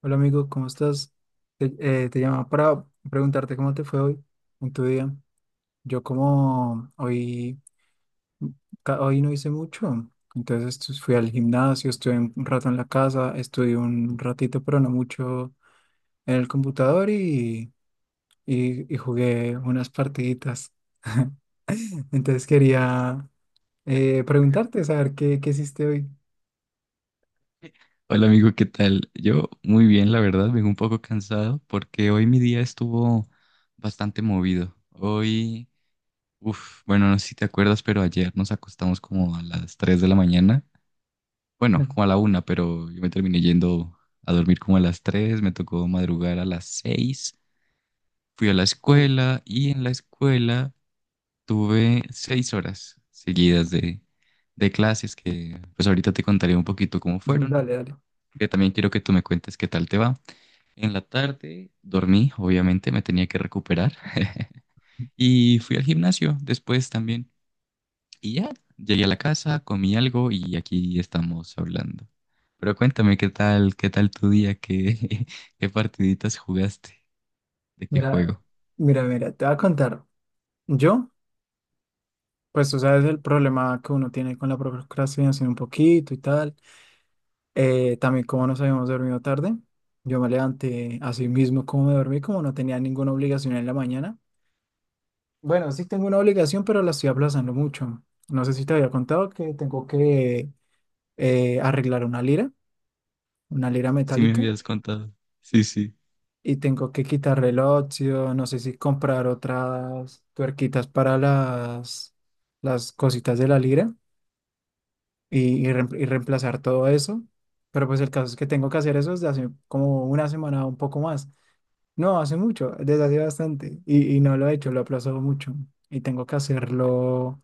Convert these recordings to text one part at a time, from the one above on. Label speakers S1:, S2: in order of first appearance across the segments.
S1: Hola amigo, ¿cómo estás? Te, te llamaba para preguntarte cómo te fue hoy en tu día. Yo como hoy, hoy no hice mucho, entonces fui al gimnasio, estuve un rato en la casa, estudié un ratito, pero no mucho en el computador y jugué unas partiditas. Entonces quería preguntarte, saber qué hiciste hoy.
S2: Hola amigo, ¿qué tal? Yo muy bien, la verdad, vengo un poco cansado porque hoy mi día estuvo bastante movido. Hoy, bueno, no sé si te acuerdas, pero ayer nos acostamos como a las 3 de la mañana. Bueno, como a la una, pero yo me terminé yendo a dormir como a las 3. Me tocó madrugar a las 6. Fui a la
S1: Uh,
S2: escuela y en la escuela tuve 6 horas seguidas de clases que, pues ahorita te contaré un poquito cómo fueron,
S1: dale, dale.
S2: que también quiero que tú me cuentes qué tal te va. En la tarde dormí, obviamente me tenía que recuperar. Y fui al gimnasio después también. Y ya, llegué a la casa, comí algo y aquí estamos hablando. Pero cuéntame, qué tal tu día? ¿Qué, qué partiditas jugaste? ¿De qué
S1: Mira,
S2: juego?
S1: mira, mira, te voy a contar. Yo... Pues tú sabes el problema que uno tiene con la procrastinación un poquito y tal. También como nos habíamos dormido tarde, yo me levanté así mismo como me dormí, como no tenía ninguna obligación en la mañana. Bueno, sí tengo una obligación, pero la estoy aplazando mucho. No sé si te había contado que tengo que arreglar una lira
S2: Sí me
S1: metálica,
S2: habías contado. Sí, sí.
S1: y tengo que quitarle el óxido, no sé si comprar otras tuerquitas para las cositas de la lira. Y reemplazar todo eso. Pero pues el caso es que tengo que hacer eso desde hace como una semana o un poco más. No, hace mucho, desde hace bastante. Y no lo he hecho, lo he aplazado mucho. Y tengo que hacerlo.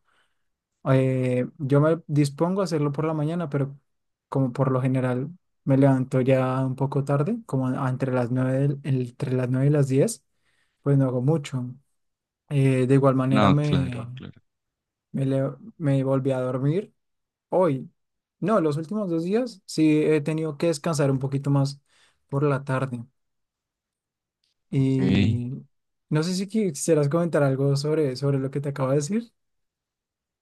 S1: Yo me dispongo a hacerlo por la mañana, pero como por lo general me levanto ya un poco tarde, entre las entre las 9 y las 10 pues no hago mucho. De igual manera
S2: No, claro, claro.
S1: me volví a dormir. Hoy, no, los últimos dos días sí he tenido que descansar un poquito más por la tarde.
S2: Ok.
S1: Y no sé si quisieras comentar algo sobre lo que te acabo de decir.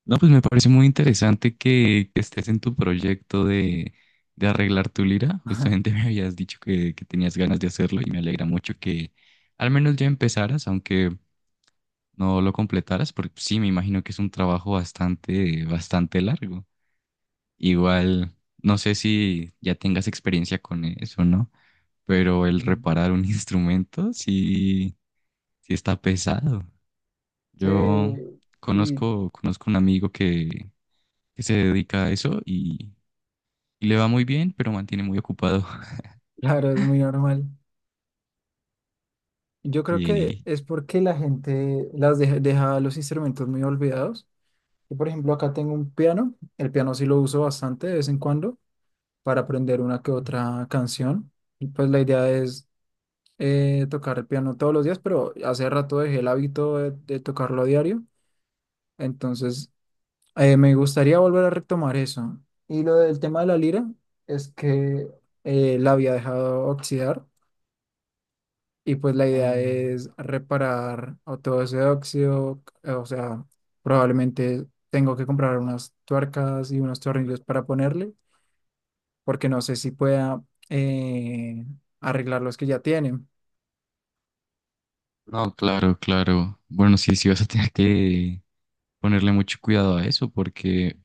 S2: No, pues me parece muy interesante que estés en tu proyecto de arreglar tu lira. Justamente me habías dicho que tenías ganas de hacerlo y me alegra mucho que al menos ya empezaras, aunque no lo completaras, porque sí, me imagino que es un trabajo bastante, bastante largo. Igual, no sé si ya tengas experiencia con eso, ¿no? Pero el reparar un instrumento sí, sí está pesado. Yo
S1: Sí, uy,
S2: conozco, conozco un amigo que se dedica a eso y le va muy bien, pero mantiene muy ocupado.
S1: claro, es muy normal. Yo creo que
S2: Y
S1: es porque la gente deja los instrumentos muy olvidados. Yo, por ejemplo, acá tengo un piano. El piano sí lo uso bastante de vez en cuando para aprender una que otra canción. Y pues la idea es tocar el piano todos los días, pero hace rato dejé el hábito de tocarlo a diario. Entonces, me gustaría volver a retomar eso. Y lo del tema de la lira es que la había dejado oxidar y pues la
S2: ah,
S1: idea es reparar o todo ese óxido. O sea, probablemente tengo que comprar unas tuercas y unos tornillos para ponerle, porque no sé si pueda eh, arreglar los que ya tienen.
S2: no, claro, claro. Bueno, sí, sí vas a tener que ponerle mucho cuidado a eso porque,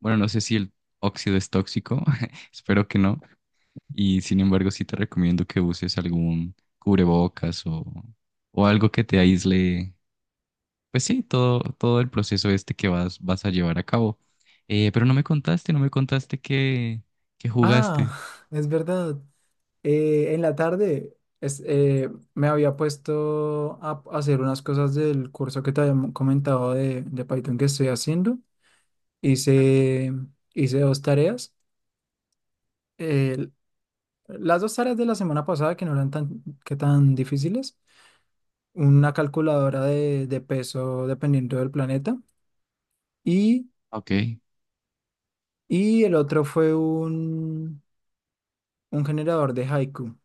S2: bueno, no sé si el óxido es tóxico, espero que no. Y sin embargo, sí te recomiendo que uses algún cubrebocas o algo que te aísle, pues sí, todo el proceso este que vas a llevar a cabo. Pero no me contaste que jugaste.
S1: Ah, es verdad. En la tarde me había puesto hacer unas cosas del curso que te había comentado de Python que estoy haciendo.
S2: Claro.
S1: Hice, hice dos tareas. eh, las dos tareas de la semana pasada que no eran que tan difíciles. Una calculadora de peso dependiendo del planeta. Y,
S2: Ok.
S1: y el otro fue un generador de haiku.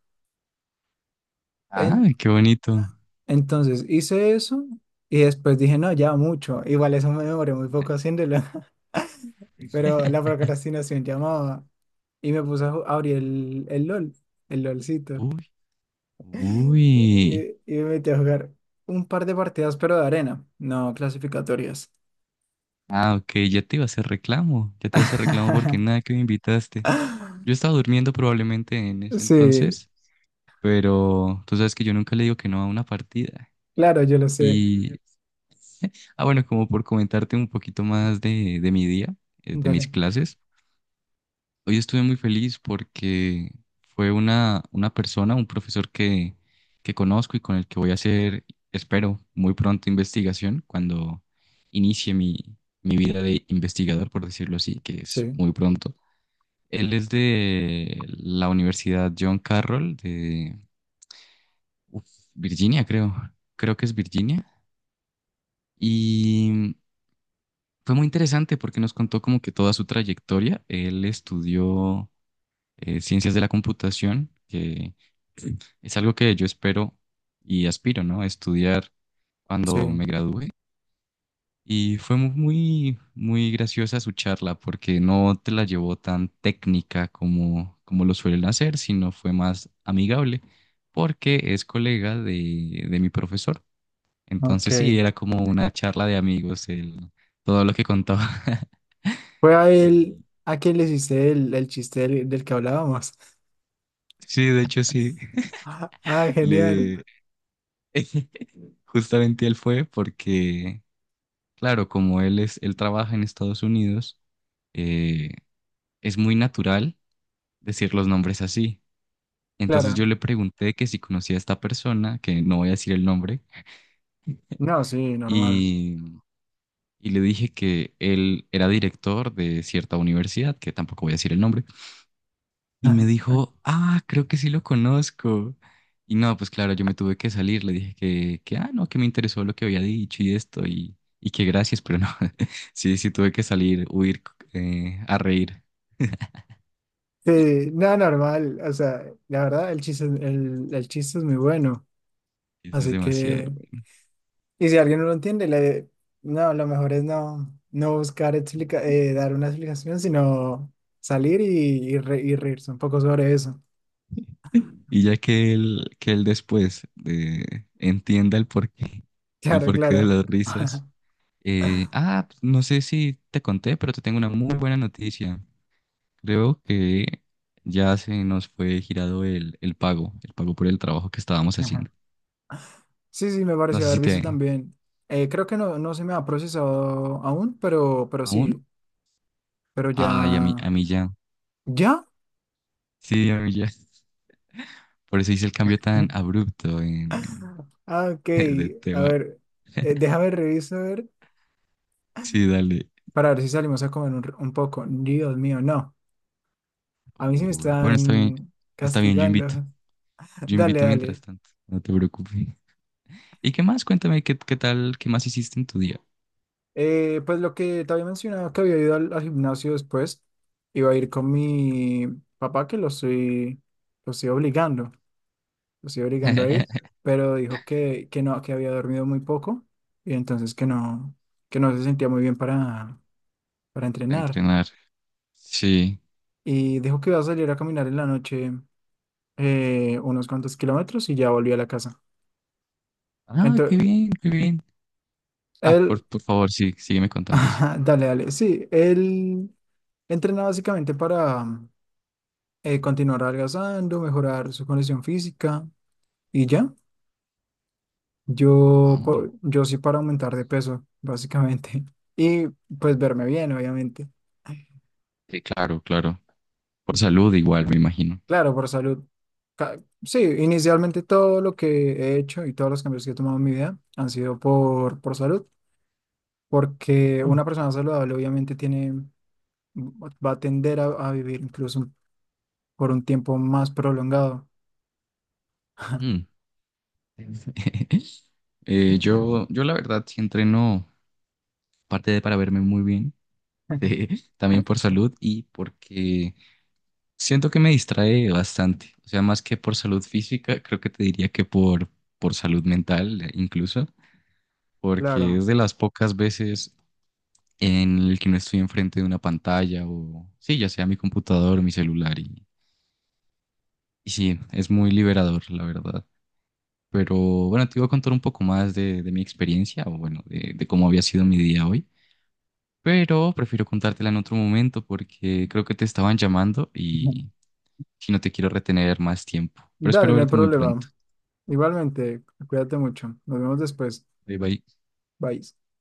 S2: Ah, qué bonito.
S1: Entonces hice eso y después dije, no, ya mucho. Igual eso me demoré muy poco haciéndolo, pero la procrastinación llamaba y me puse a abrir el LOL, el LOLcito.
S2: Uy, uy.
S1: Y me metí a jugar un par de partidas, pero de arena, no clasificatorias.
S2: Ah, ok, ya te iba a hacer reclamo. Ya te iba a hacer reclamo porque nada que me invitaste. Yo estaba durmiendo probablemente en ese
S1: Sí,
S2: entonces, pero tú sabes que yo nunca le digo que no a una partida.
S1: claro, yo lo sé.
S2: Y, ah, bueno, como por comentarte un poquito más de mi día, de mis
S1: Dale.
S2: clases. Hoy estuve muy feliz porque fue una persona, un profesor que conozco y con el que voy a hacer, espero, muy pronto investigación cuando inicie mi vida de investigador, por decirlo así, que es
S1: Sí,
S2: muy pronto. Él es de la Universidad John Carroll de uf, Virginia, creo. Creo que es Virginia. Y fue muy interesante porque nos contó como que toda su trayectoria. Él estudió ciencias de la computación, que es algo que yo espero y aspiro, ¿no? Estudiar
S1: sí,
S2: cuando me gradúe. Y fue muy, muy graciosa su charla porque no te la llevó tan técnica como lo suelen hacer, sino fue más amigable porque es colega de mi profesor.
S1: ok.
S2: Entonces sí, era como una charla de amigos, todo lo que contaba.
S1: Fue a él,
S2: Y
S1: a quien le hiciste el chiste del que hablábamos.
S2: sí, de hecho sí,
S1: Ah, genial.
S2: le, justamente él fue porque, claro, como él es, él trabaja en Estados Unidos eh, es muy natural decir los nombres así. Entonces yo
S1: Claro.
S2: le pregunté que si conocía a esta persona, que no voy a decir el nombre,
S1: No, sí, normal.
S2: y, y le dije que él era director de cierta universidad, que tampoco voy a decir el nombre, y me dijo, ah, creo que sí lo conozco. Y no, pues claro, yo me tuve que salir, le dije que ah, no, que me interesó lo que había dicho y esto, y que gracias, pero no, sí, sí tuve que salir, huir, a reír,
S1: Sí, no, normal. O sea, la verdad, el chiste es muy bueno.
S2: eso es
S1: Así
S2: demasiado.
S1: que, y si alguien no lo entiende, le, no, lo mejor es no buscar dar una explicación, sino salir y reírse un poco sobre eso.
S2: Y ya que él después entienda el
S1: Claro,
S2: porqué de
S1: claro.
S2: las risas.
S1: Ajá.
S2: Pues, no sé si te conté, pero te tengo una muy buena noticia. Creo que ya se nos fue girado el pago por el trabajo que estábamos haciendo.
S1: Sí, sí, me
S2: No
S1: pareció
S2: sé
S1: haber
S2: si te...
S1: visto también. Creo que no, no se me ha procesado aún, pero
S2: ¿Aún?
S1: sí, pero
S2: Ay,
S1: ya,
S2: a mí ya.
S1: ya.
S2: Sí, a mí ya. Por eso hice el cambio tan abrupto en,
S1: Ah, ok.
S2: de
S1: A
S2: tema.
S1: ver, déjame revisar a ver,
S2: Sí, dale.
S1: para ver si salimos a comer un poco. Dios mío, no. A mí sí me
S2: Uy, bueno, está bien.
S1: están
S2: Está bien, yo invito.
S1: castigando.
S2: Yo
S1: Dale,
S2: invito mientras
S1: dale.
S2: tanto, no te preocupes. ¿Y qué más? Cuéntame, ¿qué tal, qué más hiciste en tu día?
S1: Pues lo que te había mencionado, que había ido al gimnasio después, iba a ir con mi papá, que lo estoy obligando, lo estoy obligando a ir, pero dijo que no, que había dormido muy poco y entonces que no se sentía muy bien para
S2: Para
S1: entrenar.
S2: entrenar. Sí.
S1: Y dijo que iba a salir a caminar en la noche unos cuantos kilómetros y ya volví a la casa.
S2: Ah, qué
S1: Entonces,
S2: bien, qué bien. Ah,
S1: él,
S2: por favor, sí, sígueme contando, sí.
S1: ajá, dale, dale, sí, él entrena básicamente para continuar adelgazando, mejorar su condición física y ya.
S2: Ah,
S1: Yo sí para aumentar de peso, básicamente. Y pues verme bien, obviamente.
S2: sí, claro, claro. Por salud igual, me imagino.
S1: Claro, por salud. Sí, inicialmente todo lo que he hecho y todos los cambios que he tomado en mi vida han sido por salud, porque una persona saludable obviamente tiene va va a tender a vivir incluso por un tiempo más prolongado.
S2: Mm. Yo la verdad sí entreno, parte de para verme muy bien, eh, también por salud y porque siento que me distrae bastante, o sea, más que por salud física, creo que te diría que por salud mental incluso, porque
S1: Claro.
S2: es de las pocas veces en el que no estoy enfrente de una pantalla o, sí, ya sea mi computador o mi celular y sí, es muy liberador, la verdad. Pero bueno, te iba a contar un poco más de mi experiencia o bueno, de cómo había sido mi día hoy, pero prefiero contártela en otro momento porque creo que te estaban llamando
S1: Ujú.
S2: y si no te quiero retener más tiempo, pero
S1: Dale,
S2: espero
S1: no hay
S2: verte muy pronto.
S1: problema. Igualmente, cuídate mucho. Nos vemos después.
S2: Bye bye.
S1: Bye.